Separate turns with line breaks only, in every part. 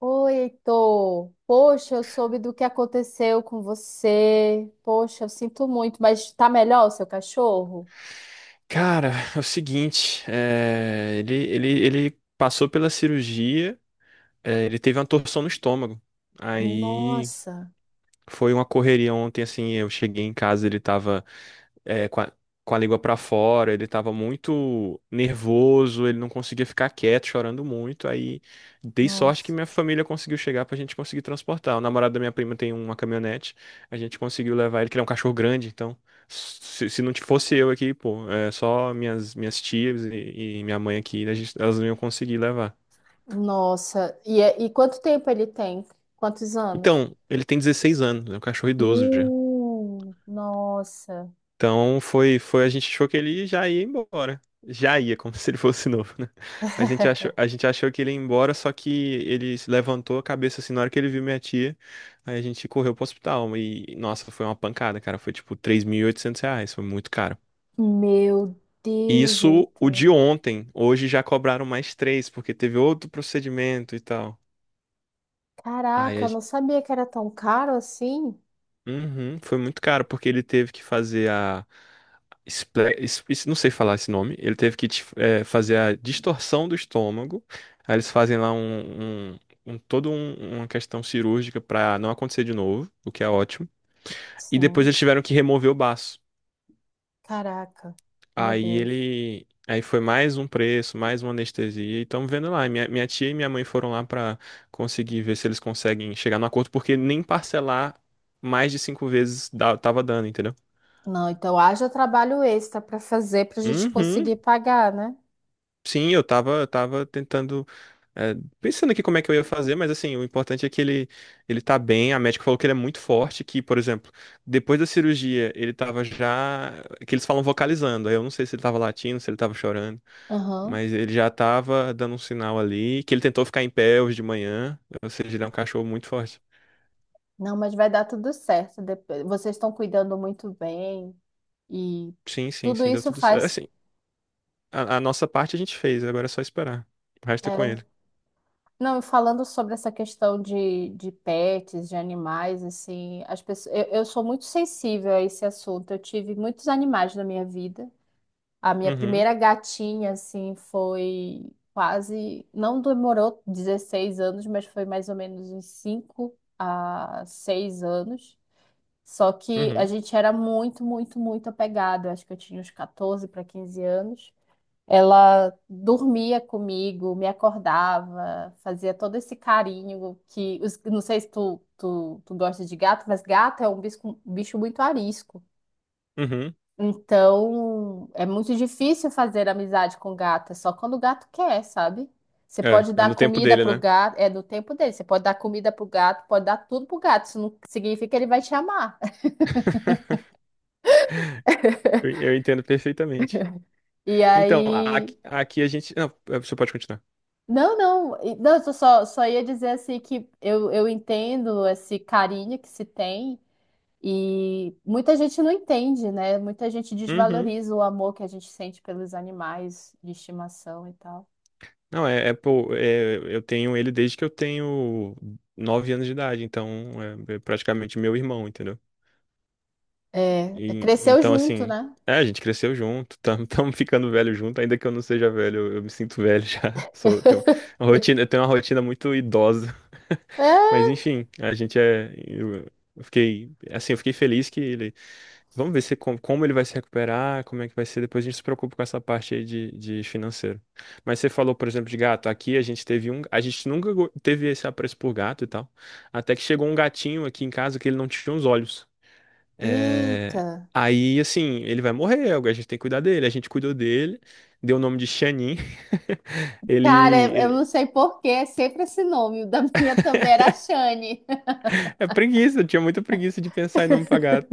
Oi, Heitor. Poxa, eu soube do que aconteceu com você. Poxa, eu sinto muito, mas tá melhor o seu cachorro?
Cara, é o seguinte, ele passou pela cirurgia, ele teve uma torção no estômago. Aí
Nossa,
foi uma correria ontem, assim, eu cheguei em casa, ele tava é, com a, com a língua pra fora, ele tava muito nervoso, ele não conseguia ficar quieto, chorando muito. Aí dei sorte que
nossa,
minha família conseguiu chegar pra gente conseguir transportar. O namorado da minha prima tem uma caminhonete, a gente conseguiu levar ele, que ele é um cachorro grande, então se não fosse eu aqui, pô, só minhas tias e minha mãe aqui, elas não iam conseguir levar.
nossa. E, e quanto tempo ele tem? Quantos anos?
Então, ele tem 16 anos, é um cachorro idoso já.
Nossa.
Então foi, a gente achou que ele já ia embora. Já ia, como se ele fosse novo, né? Mas a gente achou que ele ia embora, só que ele se levantou a cabeça assim na hora que ele viu minha tia. Aí a gente correu pro hospital. E, nossa, foi uma pancada, cara. Foi tipo R$ 3.800, foi muito caro.
Meu
E
Deus,
isso o
Heitor.
de ontem. Hoje já cobraram mais três, porque teve outro procedimento e tal. Aí
Caraca,
a
eu não sabia que era tão caro assim.
Uhum, foi muito caro, porque ele teve que fazer a. Não sei falar esse nome. Ele teve que fazer a distorção do estômago. Aí eles fazem lá uma questão cirúrgica pra não acontecer de novo, o que é ótimo. E depois
Sim.
eles tiveram que remover o baço.
Caraca, meu
Aí
Deus.
ele. Aí foi mais um preço, mais uma anestesia. E estamos vendo lá. Minha tia e minha mãe foram lá pra conseguir ver se eles conseguem chegar no acordo, porque nem parcelar mais de cinco vezes tava dando, entendeu?
Não, então haja trabalho extra para fazer para a gente
Uhum.
conseguir pagar, né?
Sim, eu tava tentando, é, pensando aqui como é que eu ia fazer, mas assim, o importante é que ele tá bem, a médica falou que ele é muito forte, que, por exemplo, depois da cirurgia, ele tava já, que eles falam vocalizando, aí eu não sei se ele tava latindo, se ele tava chorando,
Aham.
mas ele já tava dando um sinal ali, que ele tentou ficar em pé hoje de manhã, ou seja, ele é um cachorro muito forte.
Não, mas vai dar tudo certo. Vocês estão cuidando muito bem e
Sim, sim,
tudo
sim, deu
isso
tudo certo.
faz.
Assim, a nossa parte a gente fez, agora é só esperar. O resto é com
é,
ele.
Não, e falando sobre essa questão de pets, de animais, assim, as pessoas, eu sou muito sensível a esse assunto. Eu tive muitos animais na minha vida. A minha
Uhum,
primeira gatinha, assim, foi quase, não demorou 16 anos, mas foi mais ou menos uns 5 a 6 anos. Só que a
uhum,
gente era muito, muito, muito apegado. Eu acho que eu tinha uns 14 para 15 anos. Ela dormia comigo, me acordava, fazia todo esse carinho que não sei se tu gosta de gato, mas gato é um bicho muito arisco.
uhum.
Então, é muito difícil fazer amizade com gato, é só quando o gato quer, sabe? Você
É,
pode
é
dar
no tempo
comida
dele,
pro
né?
gato, é do tempo dele. Você pode dar comida pro gato, pode dar tudo pro gato. Isso não significa que ele vai te amar.
Eu entendo perfeitamente.
E
Então, a-
aí
aqui, aqui a gente. Não, você pode continuar.
Não, não, não, eu só ia dizer assim que eu entendo esse carinho que se tem e muita gente não entende, né? Muita gente
Uhum.
desvaloriza o amor que a gente sente pelos animais de estimação e tal.
Não, pô, eu tenho ele desde que eu tenho 9 anos de idade, então é praticamente meu irmão, entendeu?
É, é, cresceu
Então,
junto,
assim,
né?
a gente cresceu junto, estamos ficando velho junto, ainda que eu não seja velho, eu me sinto velho já. Tenho uma rotina, eu tenho uma rotina muito idosa.
É,
Mas enfim, a gente é. Eu fiquei. Assim, eu fiquei feliz que ele vamos ver se como ele vai se recuperar, como é que vai ser. Depois a gente se preocupa com essa parte aí de financeiro. Mas você falou, por exemplo, de gato. Aqui a gente teve um. A gente nunca teve esse apreço por gato e tal. Até que chegou um gatinho aqui em casa que ele não tinha os olhos.
eita.
É, aí, assim, ele vai morrer. A gente tem que cuidar dele. A gente cuidou dele, deu o nome de Xanin. Ele,
Cara, eu não
ele.
sei por que é sempre esse nome. O da minha também era Shane.
É preguiça, eu tinha muita preguiça de pensar em nome pra gato.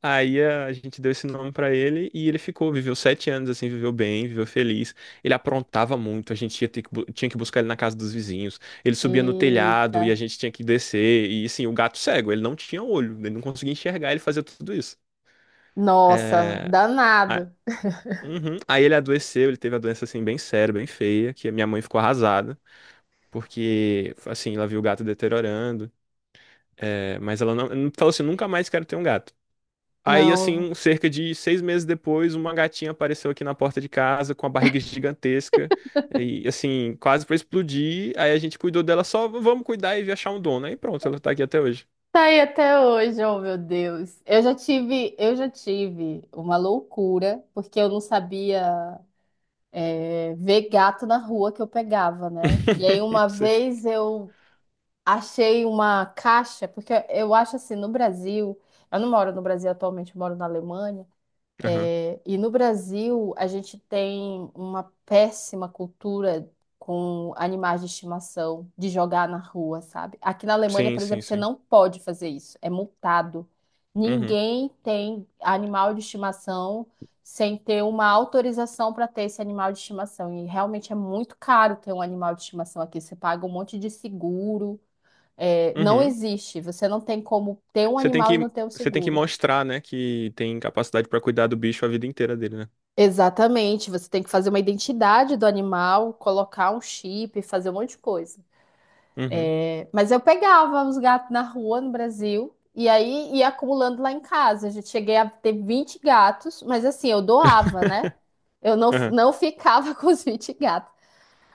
Aí a gente deu esse nome pra ele e ele ficou, viveu 7 anos assim, viveu bem, viveu feliz. Ele aprontava muito, a gente ia tinha que buscar ele na casa dos vizinhos. Ele subia no
Eita.
telhado e a gente tinha que descer. E assim, o gato cego, ele não tinha olho, ele não conseguia enxergar, ele fazia tudo isso. É,
Nossa,
a-
danado.
uhum. Aí ele adoeceu, ele teve a doença assim bem séria, bem feia, que a minha mãe ficou arrasada, porque assim, ela viu o gato deteriorando. É, mas ela não falou assim, nunca mais quero ter um gato. Aí,
Não.
assim, cerca de 6 meses depois, uma gatinha apareceu aqui na porta de casa com a barriga gigantesca e, assim, quase pra explodir. Aí a gente cuidou dela só, vamos cuidar e achar um dono. Aí pronto, ela tá aqui até hoje.
Tá aí até hoje, oh meu Deus. Eu já tive uma loucura, porque eu não sabia ver gato na rua que eu pegava, né? E aí uma
Sei.
vez eu achei uma caixa, porque eu acho assim, no Brasil, eu não moro no Brasil atualmente, eu moro na Alemanha,
Aham.
e no Brasil, a gente tem uma péssima cultura com animais de estimação, de jogar na rua, sabe? Aqui na Alemanha,
Sim,
por
sim,
exemplo, você
sim.
não pode fazer isso, é multado.
Uhum.
Ninguém tem animal de estimação sem ter uma autorização para ter esse animal de estimação. E realmente é muito caro ter um animal de estimação aqui. Você paga um monte de seguro. É, não
Uhum.
existe. Você não tem como ter um
Você tem
animal e
que,
não ter um
você tem que
seguro.
mostrar, né, que tem capacidade pra cuidar do bicho a vida inteira dele, né?
Exatamente, você tem que fazer uma identidade do animal, colocar um chip, fazer um monte de coisa.
Uhum.
É. Mas eu pegava os gatos na rua no Brasil e aí ia acumulando lá em casa. Eu já cheguei a ter 20 gatos, mas assim, eu doava, né? Eu não,
Aham.
não ficava com os 20 gatos,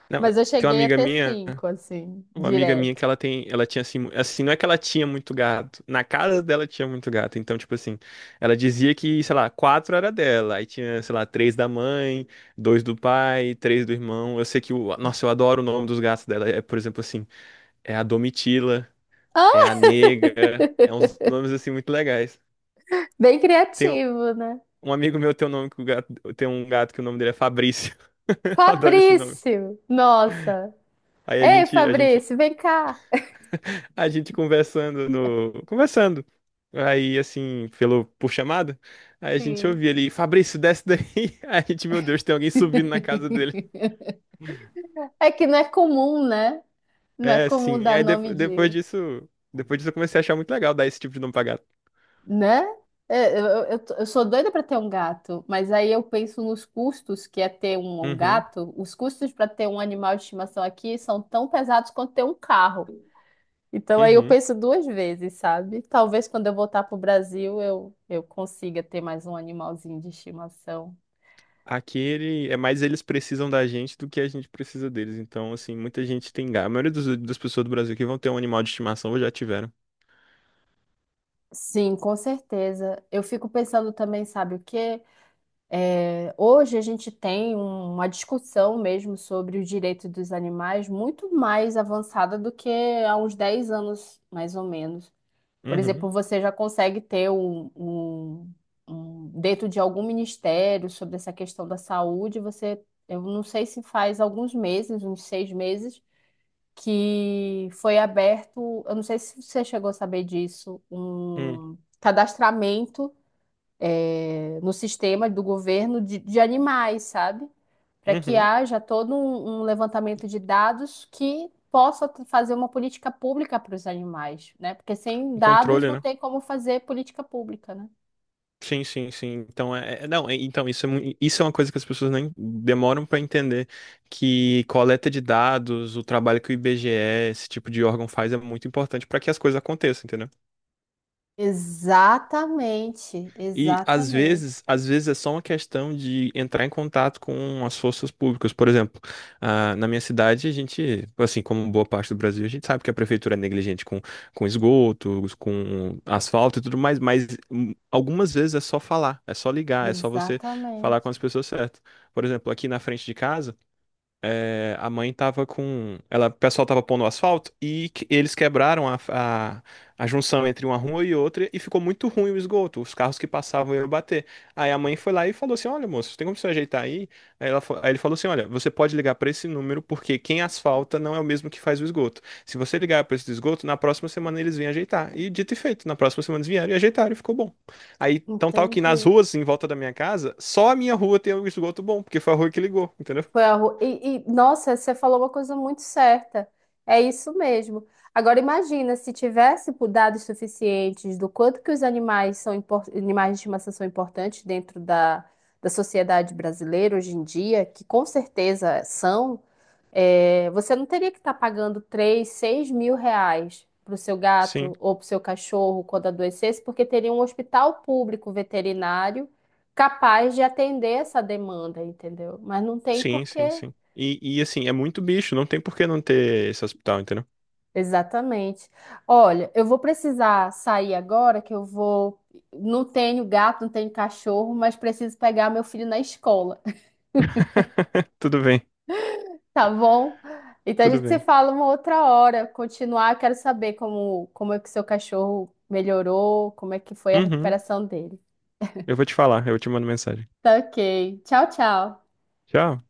Não,
mas eu
tem uma
cheguei a
amiga
ter
minha.
cinco assim,
Uma amiga minha
direto.
que ela tem, ela tinha assim, assim, não é que ela tinha muito gato, na casa dela tinha muito gato, então, tipo assim, ela dizia que, sei lá, quatro era dela, aí tinha, sei lá, três da mãe, dois do pai, três do irmão, eu sei que, o, nossa, eu adoro o nome dos gatos dela, por exemplo, assim, é a Domitila, é
Ah,
a Negra, é uns nomes, assim, muito legais.
bem
Tem um
criativo, né?
um amigo meu tem um gato que o nome dele é Fabrício, eu adoro esse nome.
Fabrício! Nossa!
Aí a
Ei,
gente, a gente
Fabrício, vem cá!
A gente conversando no. Conversando. Aí, assim, por chamada. Aí a gente
Sim.
ouvia ele, Fabrício, desce daí. Aí a gente, meu Deus, tem alguém subindo na casa dele.
É que não é comum, né? Não é
É,
comum
sim.
dar
Aí de-
nome
depois
de,
disso. Depois disso eu comecei a achar muito legal dar esse tipo de nome pra gato.
né? Eu sou doida para ter um gato, mas aí eu penso nos custos que é ter um
Uhum,
gato. Os custos para ter um animal de estimação aqui são tão pesados quanto ter um carro. Então aí eu
uhum.
penso duas vezes, sabe? Talvez quando eu voltar pro Brasil eu consiga ter mais um animalzinho de estimação.
Aqui ele, é mais eles precisam da gente do que a gente precisa deles. Então, assim, muita gente tem gato. A maioria das pessoas do Brasil que vão ter um animal de estimação ou já tiveram.
Sim, com certeza. Eu fico pensando também, sabe o quê? Hoje a gente tem uma discussão mesmo sobre o direito dos animais muito mais avançada do que há uns 10 anos, mais ou menos. Por exemplo,
Uhum,
você já consegue ter dentro de algum ministério sobre essa questão da saúde, você, eu não sei se faz alguns meses, uns 6 meses, que foi aberto, eu não sei se você chegou a saber disso,
uhum,
um cadastramento no sistema do governo de animais, sabe? Para que
uhum.
haja todo um levantamento de dados que possa fazer uma política pública para os animais, né? Porque sem
Um
dados
controle,
não
né?
tem como fazer política pública, né?
Sim, sim, sim. Então, não, então isso é, isso é uma coisa que as pessoas nem demoram para entender que coleta de dados, o trabalho que o IBGE, esse tipo de órgão faz é muito importante para que as coisas aconteçam, entendeu?
Exatamente,
E às
exatamente,
vezes, às vezes é só uma questão de entrar em contato com as forças públicas. Por exemplo, ah, na minha cidade, a gente, assim como boa parte do Brasil, a gente sabe que a prefeitura é negligente com esgoto, com asfalto e tudo mais, mas algumas vezes é só falar, é só ligar, é só você falar com
exatamente.
as pessoas certas. Por exemplo, aqui na frente de casa a mãe tava com. O pessoal tava pondo asfalto e eles quebraram a junção entre uma rua e outra e ficou muito ruim o esgoto. Os carros que passavam iam bater. Aí a mãe foi lá e falou assim: Olha, moço, tem como você ajeitar aí? Aí, ele falou assim: Olha, você pode ligar pra esse número porque quem asfalta não é o mesmo que faz o esgoto. Se você ligar pra esse do esgoto, na próxima semana eles vêm ajeitar. E dito e feito, na próxima semana eles vieram e ajeitaram e ficou bom. Aí, então tal que nas
Entendi.
ruas em volta da minha casa, só a minha rua tem o esgoto bom, porque foi a rua que ligou, entendeu?
Foi a rua. E, nossa, você falou uma coisa muito certa. É isso mesmo. Agora imagina se tivesse por dados suficientes do quanto que os animais são animais de estimação são importantes dentro da sociedade brasileira hoje em dia, que com certeza são, você não teria que estar pagando 3 6 mil reais para o seu
Sim.
gato ou para o seu cachorro quando adoecesse, porque teria um hospital público veterinário capaz de atender essa demanda, entendeu? Mas não tem
Sim, sim,
porque.
sim. E assim, é muito bicho, não tem por que não ter esse hospital, entendeu?
Exatamente. Olha, eu vou precisar sair agora, que eu vou. Não tenho gato, não tenho cachorro, mas preciso pegar meu filho na escola,
Tudo bem,
tá bom? Então a
tudo
gente se
bem.
fala uma outra hora. Continuar, quero saber como é que seu cachorro melhorou, como é que foi a
Uhum,
recuperação dele.
eu vou te falar, eu te mando mensagem.
Tá ok. Tchau, tchau.
Tchau.